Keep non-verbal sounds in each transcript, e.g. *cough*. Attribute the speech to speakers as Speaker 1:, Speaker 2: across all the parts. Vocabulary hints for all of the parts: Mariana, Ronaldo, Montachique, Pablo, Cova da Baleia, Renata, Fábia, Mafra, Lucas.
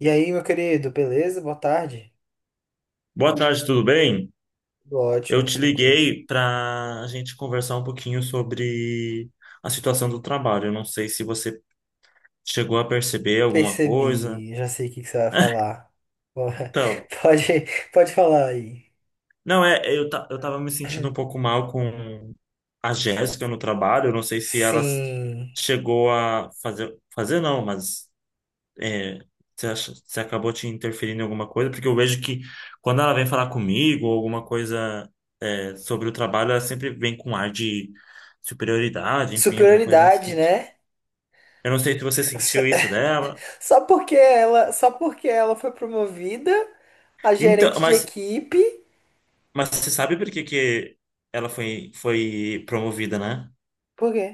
Speaker 1: E aí, meu querido, beleza? Boa tarde.
Speaker 2: Boa tarde, tudo bem?
Speaker 1: Tudo
Speaker 2: Eu
Speaker 1: ótimo,
Speaker 2: te
Speaker 1: tranquilo.
Speaker 2: liguei para a gente conversar um pouquinho sobre a situação do trabalho. Eu não sei se você chegou a perceber alguma coisa.
Speaker 1: Percebi, já sei o que que você vai falar. Bo-
Speaker 2: Então,
Speaker 1: *laughs* Pode, pode falar aí.
Speaker 2: não é, eu tava me sentindo um pouco mal com a Jéssica no trabalho. Eu não sei se
Speaker 1: Sim.
Speaker 2: chegou a fazer, fazer não, Mas é, você acha, você acabou te interferindo em alguma coisa? Porque eu vejo que quando ela vem falar comigo ou alguma coisa é, sobre o trabalho, ela sempre vem com um ar de superioridade, enfim, alguma coisa nesse
Speaker 1: Superioridade,
Speaker 2: sentido.
Speaker 1: né?
Speaker 2: Eu não sei se você
Speaker 1: Só
Speaker 2: sentiu isso
Speaker 1: *laughs*
Speaker 2: dela.
Speaker 1: só porque ela foi promovida a
Speaker 2: Então,
Speaker 1: gerente de equipe.
Speaker 2: mas você sabe por que que ela foi promovida, né?
Speaker 1: Por quê?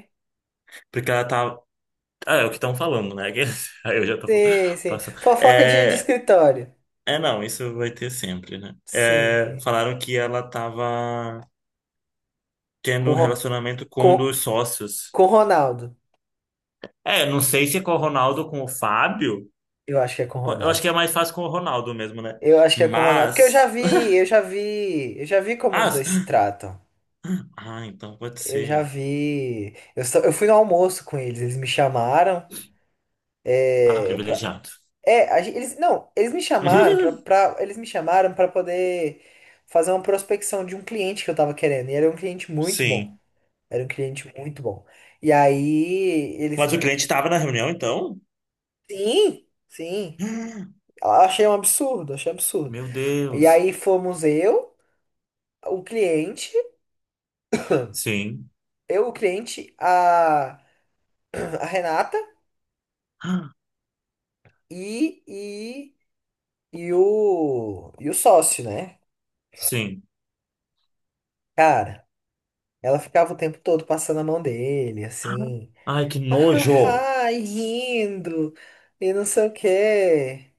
Speaker 2: Porque ela tá. Ah, é o que estão falando, né? *laughs* Aí eu já tô
Speaker 1: Sim, sim.
Speaker 2: passando.
Speaker 1: Fofoca de
Speaker 2: É,
Speaker 1: escritório.
Speaker 2: é, não, isso vai ter sempre, né?
Speaker 1: Sim,
Speaker 2: É,
Speaker 1: sim.
Speaker 2: falaram que ela tava tendo
Speaker 1: Com,
Speaker 2: um
Speaker 1: Ro-
Speaker 2: relacionamento com um
Speaker 1: com,
Speaker 2: dos sócios.
Speaker 1: com Ronaldo.
Speaker 2: É, não sei se é com o Ronaldo ou com o Fábio.
Speaker 1: Eu acho que é com
Speaker 2: Pô, eu acho
Speaker 1: Ronaldo.
Speaker 2: que é mais fácil com o Ronaldo mesmo, né?
Speaker 1: Eu acho que é com o Ronaldo, porque eu já
Speaker 2: Mas. *laughs*
Speaker 1: vi como
Speaker 2: Ah,
Speaker 1: os
Speaker 2: s-
Speaker 1: dois se tratam.
Speaker 2: ah, então pode
Speaker 1: Eu já
Speaker 2: ser.
Speaker 1: vi. Eu fui no almoço com eles, eles me chamaram.
Speaker 2: Ah,
Speaker 1: É, pra,
Speaker 2: privilegiado.
Speaker 1: é a gen- eles, não, eles me chamaram pra,
Speaker 2: *laughs*
Speaker 1: pra, eles me chamaram para poder fazer uma prospecção de um cliente que eu tava querendo. E era um cliente muito bom.
Speaker 2: Sim.
Speaker 1: Era um cliente muito bom. E aí
Speaker 2: Mas
Speaker 1: eles.
Speaker 2: o cliente estava na reunião, então?
Speaker 1: Sim, sim.
Speaker 2: *gasps*
Speaker 1: Eu achei um absurdo, achei um absurdo.
Speaker 2: Meu
Speaker 1: E
Speaker 2: Deus.
Speaker 1: aí fomos o cliente,
Speaker 2: Sim.
Speaker 1: eu, o cliente, a Renata
Speaker 2: *gasps* Ah,
Speaker 1: e, e, e o sócio, né?
Speaker 2: sim.
Speaker 1: Cara, ela ficava o tempo todo passando a mão dele,
Speaker 2: Ah,
Speaker 1: assim,
Speaker 2: ai, que nojo!
Speaker 1: ah, e rindo, e não sei o quê,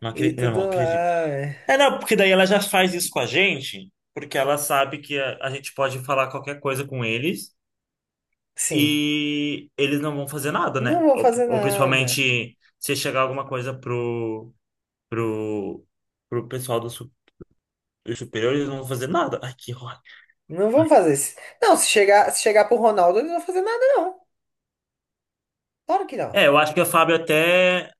Speaker 1: e
Speaker 2: Eu
Speaker 1: tudo
Speaker 2: não acredito.
Speaker 1: mais.
Speaker 2: É, não, porque daí ela já faz isso com a gente, porque ela sabe que a gente pode falar qualquer coisa com eles
Speaker 1: Sim,
Speaker 2: e eles não vão fazer nada, né?
Speaker 1: não vou fazer
Speaker 2: Ou
Speaker 1: nada.
Speaker 2: principalmente se chegar alguma coisa pro, pro pessoal do superior, eles não vão fazer nada. Ai, que ódio.
Speaker 1: Não vão fazer isso. Não, se se chegar pro Ronaldo, eles não vão fazer nada, não. Claro que não.
Speaker 2: É, eu acho que a Fábio até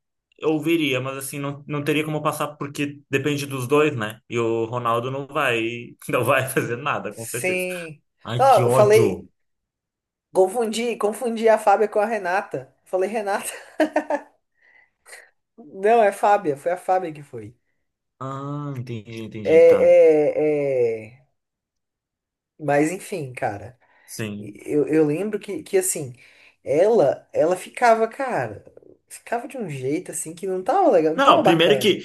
Speaker 2: ouviria, mas assim, não, não teria como passar porque depende dos dois, né? E o Ronaldo não vai, *laughs* não vai fazer nada, com certeza.
Speaker 1: Sim.
Speaker 2: Ai, que
Speaker 1: Não, eu
Speaker 2: ódio.
Speaker 1: falei, confundi a Fábia com a Renata. Falei, Renata. *laughs* Não, é Fábia, foi a Fábia que foi.
Speaker 2: Ah, entendi,
Speaker 1: É,
Speaker 2: entendi, tá.
Speaker 1: é, é... Mas enfim, cara,
Speaker 2: Sim.
Speaker 1: eu lembro que assim, ela ficava, cara, ficava de um jeito assim que não tava legal, não tava
Speaker 2: Não, primeiro
Speaker 1: bacana.
Speaker 2: que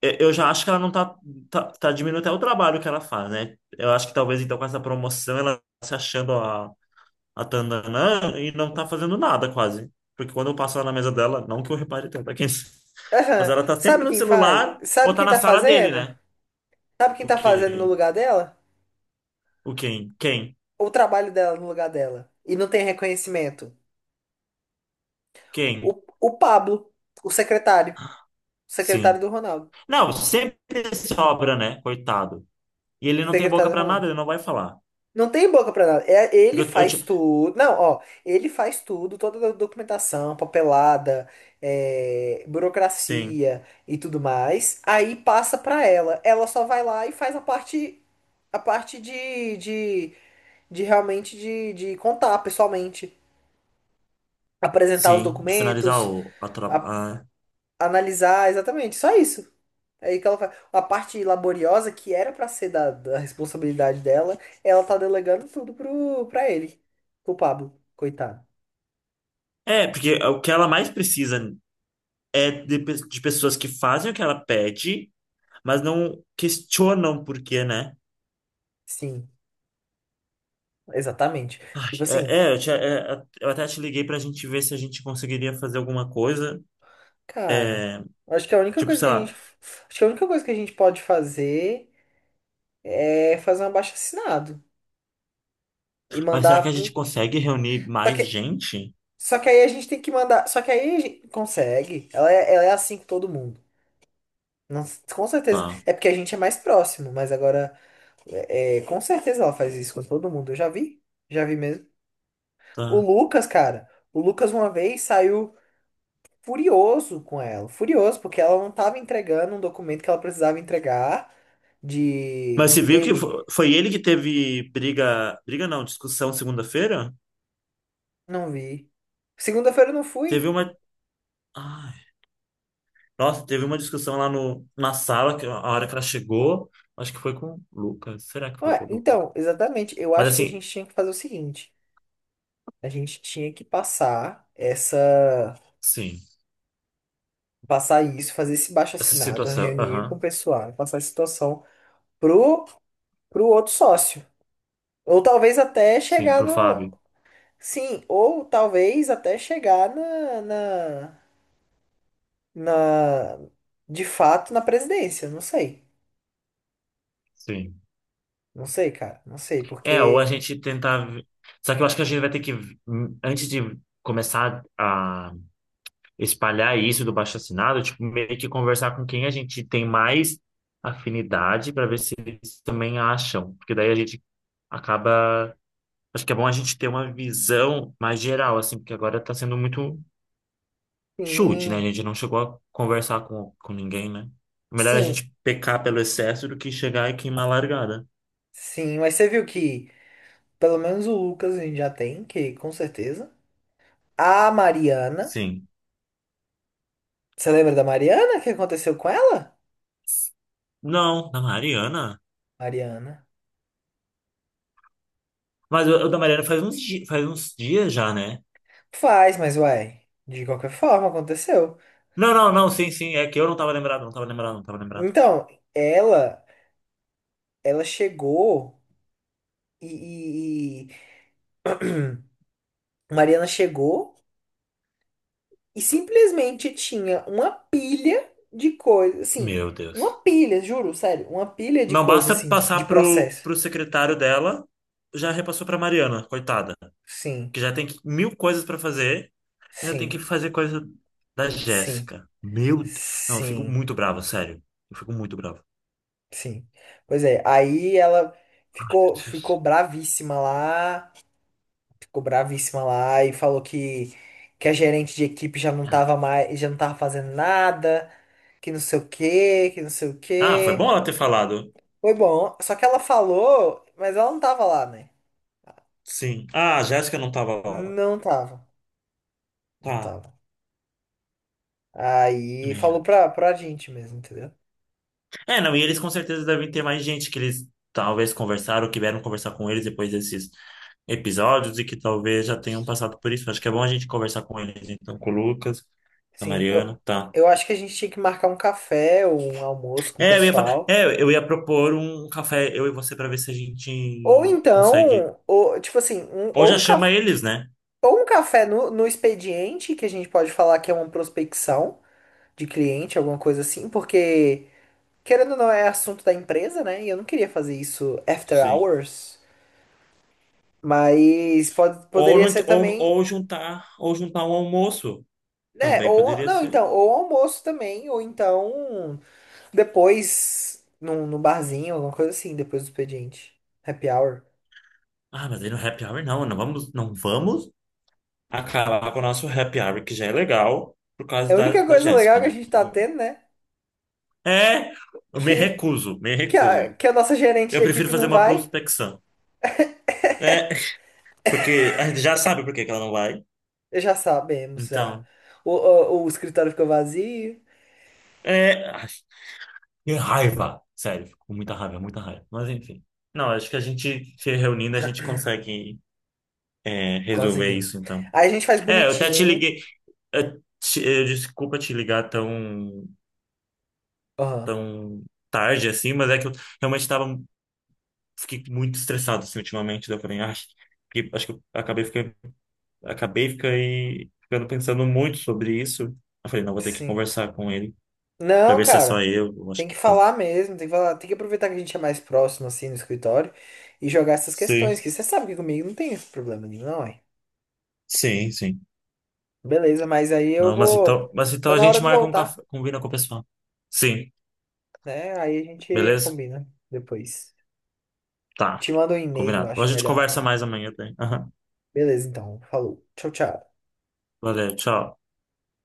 Speaker 2: eu já acho que ela não tá diminuindo até o trabalho que ela faz, né? Eu acho que talvez então com essa promoção ela tá se achando a Tandanã e não tá fazendo nada quase. Porque quando eu passo lá na mesa dela, não que eu repare tanto, *laughs* mas
Speaker 1: Aham.
Speaker 2: ela tá sempre
Speaker 1: Sabe
Speaker 2: no
Speaker 1: quem faz?
Speaker 2: celular
Speaker 1: Sabe
Speaker 2: ou tá
Speaker 1: quem
Speaker 2: na
Speaker 1: tá
Speaker 2: sala dele,
Speaker 1: fazendo?
Speaker 2: né?
Speaker 1: Sabe quem
Speaker 2: O
Speaker 1: tá fazendo no
Speaker 2: quê?
Speaker 1: lugar dela?
Speaker 2: O quem? Quem?
Speaker 1: O trabalho dela no lugar dela. E não tem reconhecimento.
Speaker 2: Quem?
Speaker 1: O Pablo, o secretário, o secretário
Speaker 2: Sim.
Speaker 1: do Ronaldo.
Speaker 2: Não, sempre sobra, né? Coitado. E ele não tem boca
Speaker 1: Secretário do
Speaker 2: pra nada,
Speaker 1: Ronaldo.
Speaker 2: ele não vai falar.
Speaker 1: Não tem boca pra nada. É, ele
Speaker 2: Porque eu
Speaker 1: faz
Speaker 2: ti-
Speaker 1: tudo. Não, ó, ele faz tudo, toda a documentação, papelada, é,
Speaker 2: Sim,
Speaker 1: burocracia e tudo mais. Aí passa pra ela. Ela só vai lá e faz a parte de realmente de contar pessoalmente, apresentar os
Speaker 2: sim, de finalizar
Speaker 1: documentos,
Speaker 2: o, a, tra-
Speaker 1: a-
Speaker 2: a-
Speaker 1: analisar, exatamente, só isso. Aí que ela faz. A parte laboriosa que era pra ser da responsabilidade dela, ela tá delegando tudo pra ele. Pro Pablo, coitado.
Speaker 2: é, porque o que ela mais precisa é de pessoas que fazem o que ela pede, mas não questionam por quê, né?
Speaker 1: Sim, exatamente.
Speaker 2: Ai,
Speaker 1: Tipo assim,
Speaker 2: é, é, eu até te liguei pra gente ver se a gente conseguiria fazer alguma coisa.
Speaker 1: cara, acho que a única
Speaker 2: Tipo,
Speaker 1: coisa que
Speaker 2: sei
Speaker 1: a gente,
Speaker 2: lá,
Speaker 1: acho que a única coisa que a gente pode fazer é fazer um abaixo-assinado e
Speaker 2: mas será
Speaker 1: mandar
Speaker 2: que a gente
Speaker 1: pro.
Speaker 2: consegue reunir
Speaker 1: Só
Speaker 2: mais
Speaker 1: que,
Speaker 2: gente?
Speaker 1: só que aí a gente tem que mandar, só que aí a gente consegue. Ela é assim com todo mundo. Não- com certeza.
Speaker 2: Tá,
Speaker 1: É porque a gente é mais próximo, mas agora é, com certeza ela faz isso com todo mundo. Eu já vi mesmo. O
Speaker 2: tá.
Speaker 1: Lucas, cara, o Lucas uma vez saiu furioso com ela, furioso porque ela não tava entregando um documento que ela precisava entregar
Speaker 2: Mas
Speaker 1: de
Speaker 2: você viu que
Speaker 1: dele.
Speaker 2: foi ele que teve briga, briga não, discussão segunda-feira?
Speaker 1: Não vi. Segunda-feira eu não fui.
Speaker 2: Teve uma, ai, nossa, teve uma discussão lá no, na sala, que a hora que ela chegou, acho que foi com o Lucas. Será que foi com
Speaker 1: Ué,
Speaker 2: o
Speaker 1: então,
Speaker 2: Lucas?
Speaker 1: exatamente. Eu
Speaker 2: Mas
Speaker 1: acho que a
Speaker 2: assim,
Speaker 1: gente tinha que fazer o seguinte: a gente tinha que passar
Speaker 2: sim,
Speaker 1: passar isso, fazer esse
Speaker 2: essa
Speaker 1: baixo-assinado,
Speaker 2: situação,
Speaker 1: reunir com o
Speaker 2: aham,
Speaker 1: pessoal, passar a situação pro pro outro sócio. Ou talvez até
Speaker 2: sim,
Speaker 1: chegar
Speaker 2: pro
Speaker 1: no.
Speaker 2: Fábio,
Speaker 1: Sim, ou talvez até chegar na de fato, na presidência. Não sei.
Speaker 2: sim.
Speaker 1: Não sei, cara. Não sei,
Speaker 2: É, ou a
Speaker 1: porque.
Speaker 2: gente tentar. Só que eu acho que a gente vai ter que, antes de começar a espalhar isso do baixo-assinado, tipo, meio que conversar com quem a gente tem mais afinidade para ver se eles também acham. Porque daí a gente acaba. Acho que é bom a gente ter uma visão mais geral, assim, porque agora tá sendo muito chute, né? A
Speaker 1: Sim,
Speaker 2: gente não chegou a conversar com ninguém, né? Melhor a
Speaker 1: sim,
Speaker 2: gente pecar pelo excesso do que chegar e queimar a largada.
Speaker 1: sim. Mas você viu que pelo menos o Lucas a gente já tem, que com certeza. A Mariana.
Speaker 2: Sim.
Speaker 1: Você lembra da Mariana? O que aconteceu com ela?
Speaker 2: Não, da Mariana?
Speaker 1: Mariana.
Speaker 2: Mas o da Mariana faz uns, faz uns dias já, né?
Speaker 1: Faz, mas uai. De qualquer forma, aconteceu.
Speaker 2: Não, não, não, sim, sim. É que eu não tava lembrado, não tava lembrado.
Speaker 1: Então, ela. Ela chegou. e, e- e- Hum. Mariana chegou e simplesmente tinha uma pilha de coisas, assim,
Speaker 2: Meu
Speaker 1: uma
Speaker 2: Deus.
Speaker 1: pilha, juro, sério, uma pilha de
Speaker 2: Não
Speaker 1: coisas,
Speaker 2: basta
Speaker 1: assim, de
Speaker 2: passar pro,
Speaker 1: processo.
Speaker 2: pro secretário dela, já repassou pra Mariana, coitada.
Speaker 1: Sim,
Speaker 2: Que já mil coisas pra fazer, ainda tem que
Speaker 1: sim,
Speaker 2: fazer coisa da
Speaker 1: sim,
Speaker 2: Jéssica. Meu, não, eu fico
Speaker 1: sim,
Speaker 2: muito bravo, sério. Eu fico muito bravo.
Speaker 1: sim. Pois é, aí ela ficou bravíssima lá, ficou bravíssima lá e falou que a gerente de equipe já não tava mais, já não tava fazendo nada, que não sei o quê, que não sei o
Speaker 2: Ah, foi
Speaker 1: quê.
Speaker 2: bom ela ter falado.
Speaker 1: Foi bom, só que ela falou, mas ela não tava lá, né?
Speaker 2: Sim. Ah, a Jéssica não tava lá.
Speaker 1: Não tava, não
Speaker 2: Tá.
Speaker 1: tava. Aí
Speaker 2: Meio.
Speaker 1: falou pra gente mesmo, entendeu?
Speaker 2: É, não, e eles com certeza devem ter mais gente que eles talvez conversaram, que vieram conversar com eles depois desses episódios e que talvez já tenham passado por isso. Acho que é bom a gente conversar com eles, então, com o Lucas, a
Speaker 1: Sim,
Speaker 2: Mariana, tá.
Speaker 1: eu acho que a gente tinha que marcar um café ou um almoço com o
Speaker 2: É,
Speaker 1: pessoal.
Speaker 2: é, eu ia propor um café, eu e você, pra ver se a
Speaker 1: Ou
Speaker 2: gente consegue.
Speaker 1: então, ou, tipo assim, um,
Speaker 2: Ou
Speaker 1: ou,
Speaker 2: já
Speaker 1: um
Speaker 2: chama
Speaker 1: caf,
Speaker 2: eles, né?
Speaker 1: ou um café no expediente, que a gente pode falar que é uma prospecção de cliente, alguma coisa assim, porque, querendo ou não, é assunto da empresa, né? E eu não queria fazer isso after
Speaker 2: Sim.
Speaker 1: hours. Mas
Speaker 2: Ou,
Speaker 1: poderia ser também.
Speaker 2: ou juntar um almoço.
Speaker 1: Né
Speaker 2: Também
Speaker 1: ou,
Speaker 2: poderia
Speaker 1: não,
Speaker 2: ser.
Speaker 1: então, ou almoço também, ou então. Depois, num barzinho, alguma coisa assim, depois do expediente. Happy hour.
Speaker 2: Ah, mas aí no happy hour não, não vamos acabar com o nosso happy hour, que já é legal, por
Speaker 1: É
Speaker 2: causa
Speaker 1: a única
Speaker 2: da
Speaker 1: coisa
Speaker 2: Jéssica,
Speaker 1: legal que a
Speaker 2: né?
Speaker 1: gente tá tendo, né? *laughs*
Speaker 2: É, eu me
Speaker 1: Que,
Speaker 2: recuso, me recuso.
Speaker 1: que a nossa gerente
Speaker 2: Eu
Speaker 1: de
Speaker 2: prefiro
Speaker 1: equipe
Speaker 2: fazer
Speaker 1: não
Speaker 2: uma
Speaker 1: vai.
Speaker 2: prospecção. É, porque a gente já sabe por que que ela não vai.
Speaker 1: Já sabemos, já.
Speaker 2: Então,
Speaker 1: O escritório ficou vazio.
Speaker 2: é. Ai, que raiva! Sério, fico com muita raiva, muita raiva. Mas enfim. Não, acho que a gente se reunindo, a gente consegue é, resolver
Speaker 1: Conseguimos.
Speaker 2: isso, então.
Speaker 1: Aí a gente faz
Speaker 2: É, eu até te
Speaker 1: bonitinho.
Speaker 2: liguei. Desculpa te ligar tão
Speaker 1: Aham,
Speaker 2: tão tarde assim, mas é que eu realmente tava, fiquei muito estressado assim ultimamente, daí eu falei, ai, acho que eu acabei ficando, ficando pensando muito sobre isso. Eu falei, não, vou ter que
Speaker 1: sim.
Speaker 2: conversar com ele pra
Speaker 1: Não,
Speaker 2: ver se é só
Speaker 1: cara.
Speaker 2: eu acho
Speaker 1: Tem
Speaker 2: que
Speaker 1: que falar mesmo, tem que falar, tem que aproveitar que a gente é mais próximo assim no escritório e jogar essas
Speaker 2: sim,
Speaker 1: questões, que você sabe que comigo não tem esse problema nenhum, não é?
Speaker 2: sim, sim.
Speaker 1: Beleza, mas aí eu
Speaker 2: Não,
Speaker 1: vou.
Speaker 2: mas então
Speaker 1: Tá
Speaker 2: a
Speaker 1: na hora
Speaker 2: gente
Speaker 1: de
Speaker 2: marca um
Speaker 1: voltar,
Speaker 2: café, combina com o pessoal. Sim,
Speaker 1: né? Aí a gente
Speaker 2: beleza?
Speaker 1: combina depois.
Speaker 2: Tá,
Speaker 1: Te mando um e-mail,
Speaker 2: combinado. A
Speaker 1: acho
Speaker 2: gente
Speaker 1: melhor.
Speaker 2: conversa mais amanhã, tá? Aham.
Speaker 1: Beleza, então. Falou. Tchau, tchau.
Speaker 2: Valeu, tchau.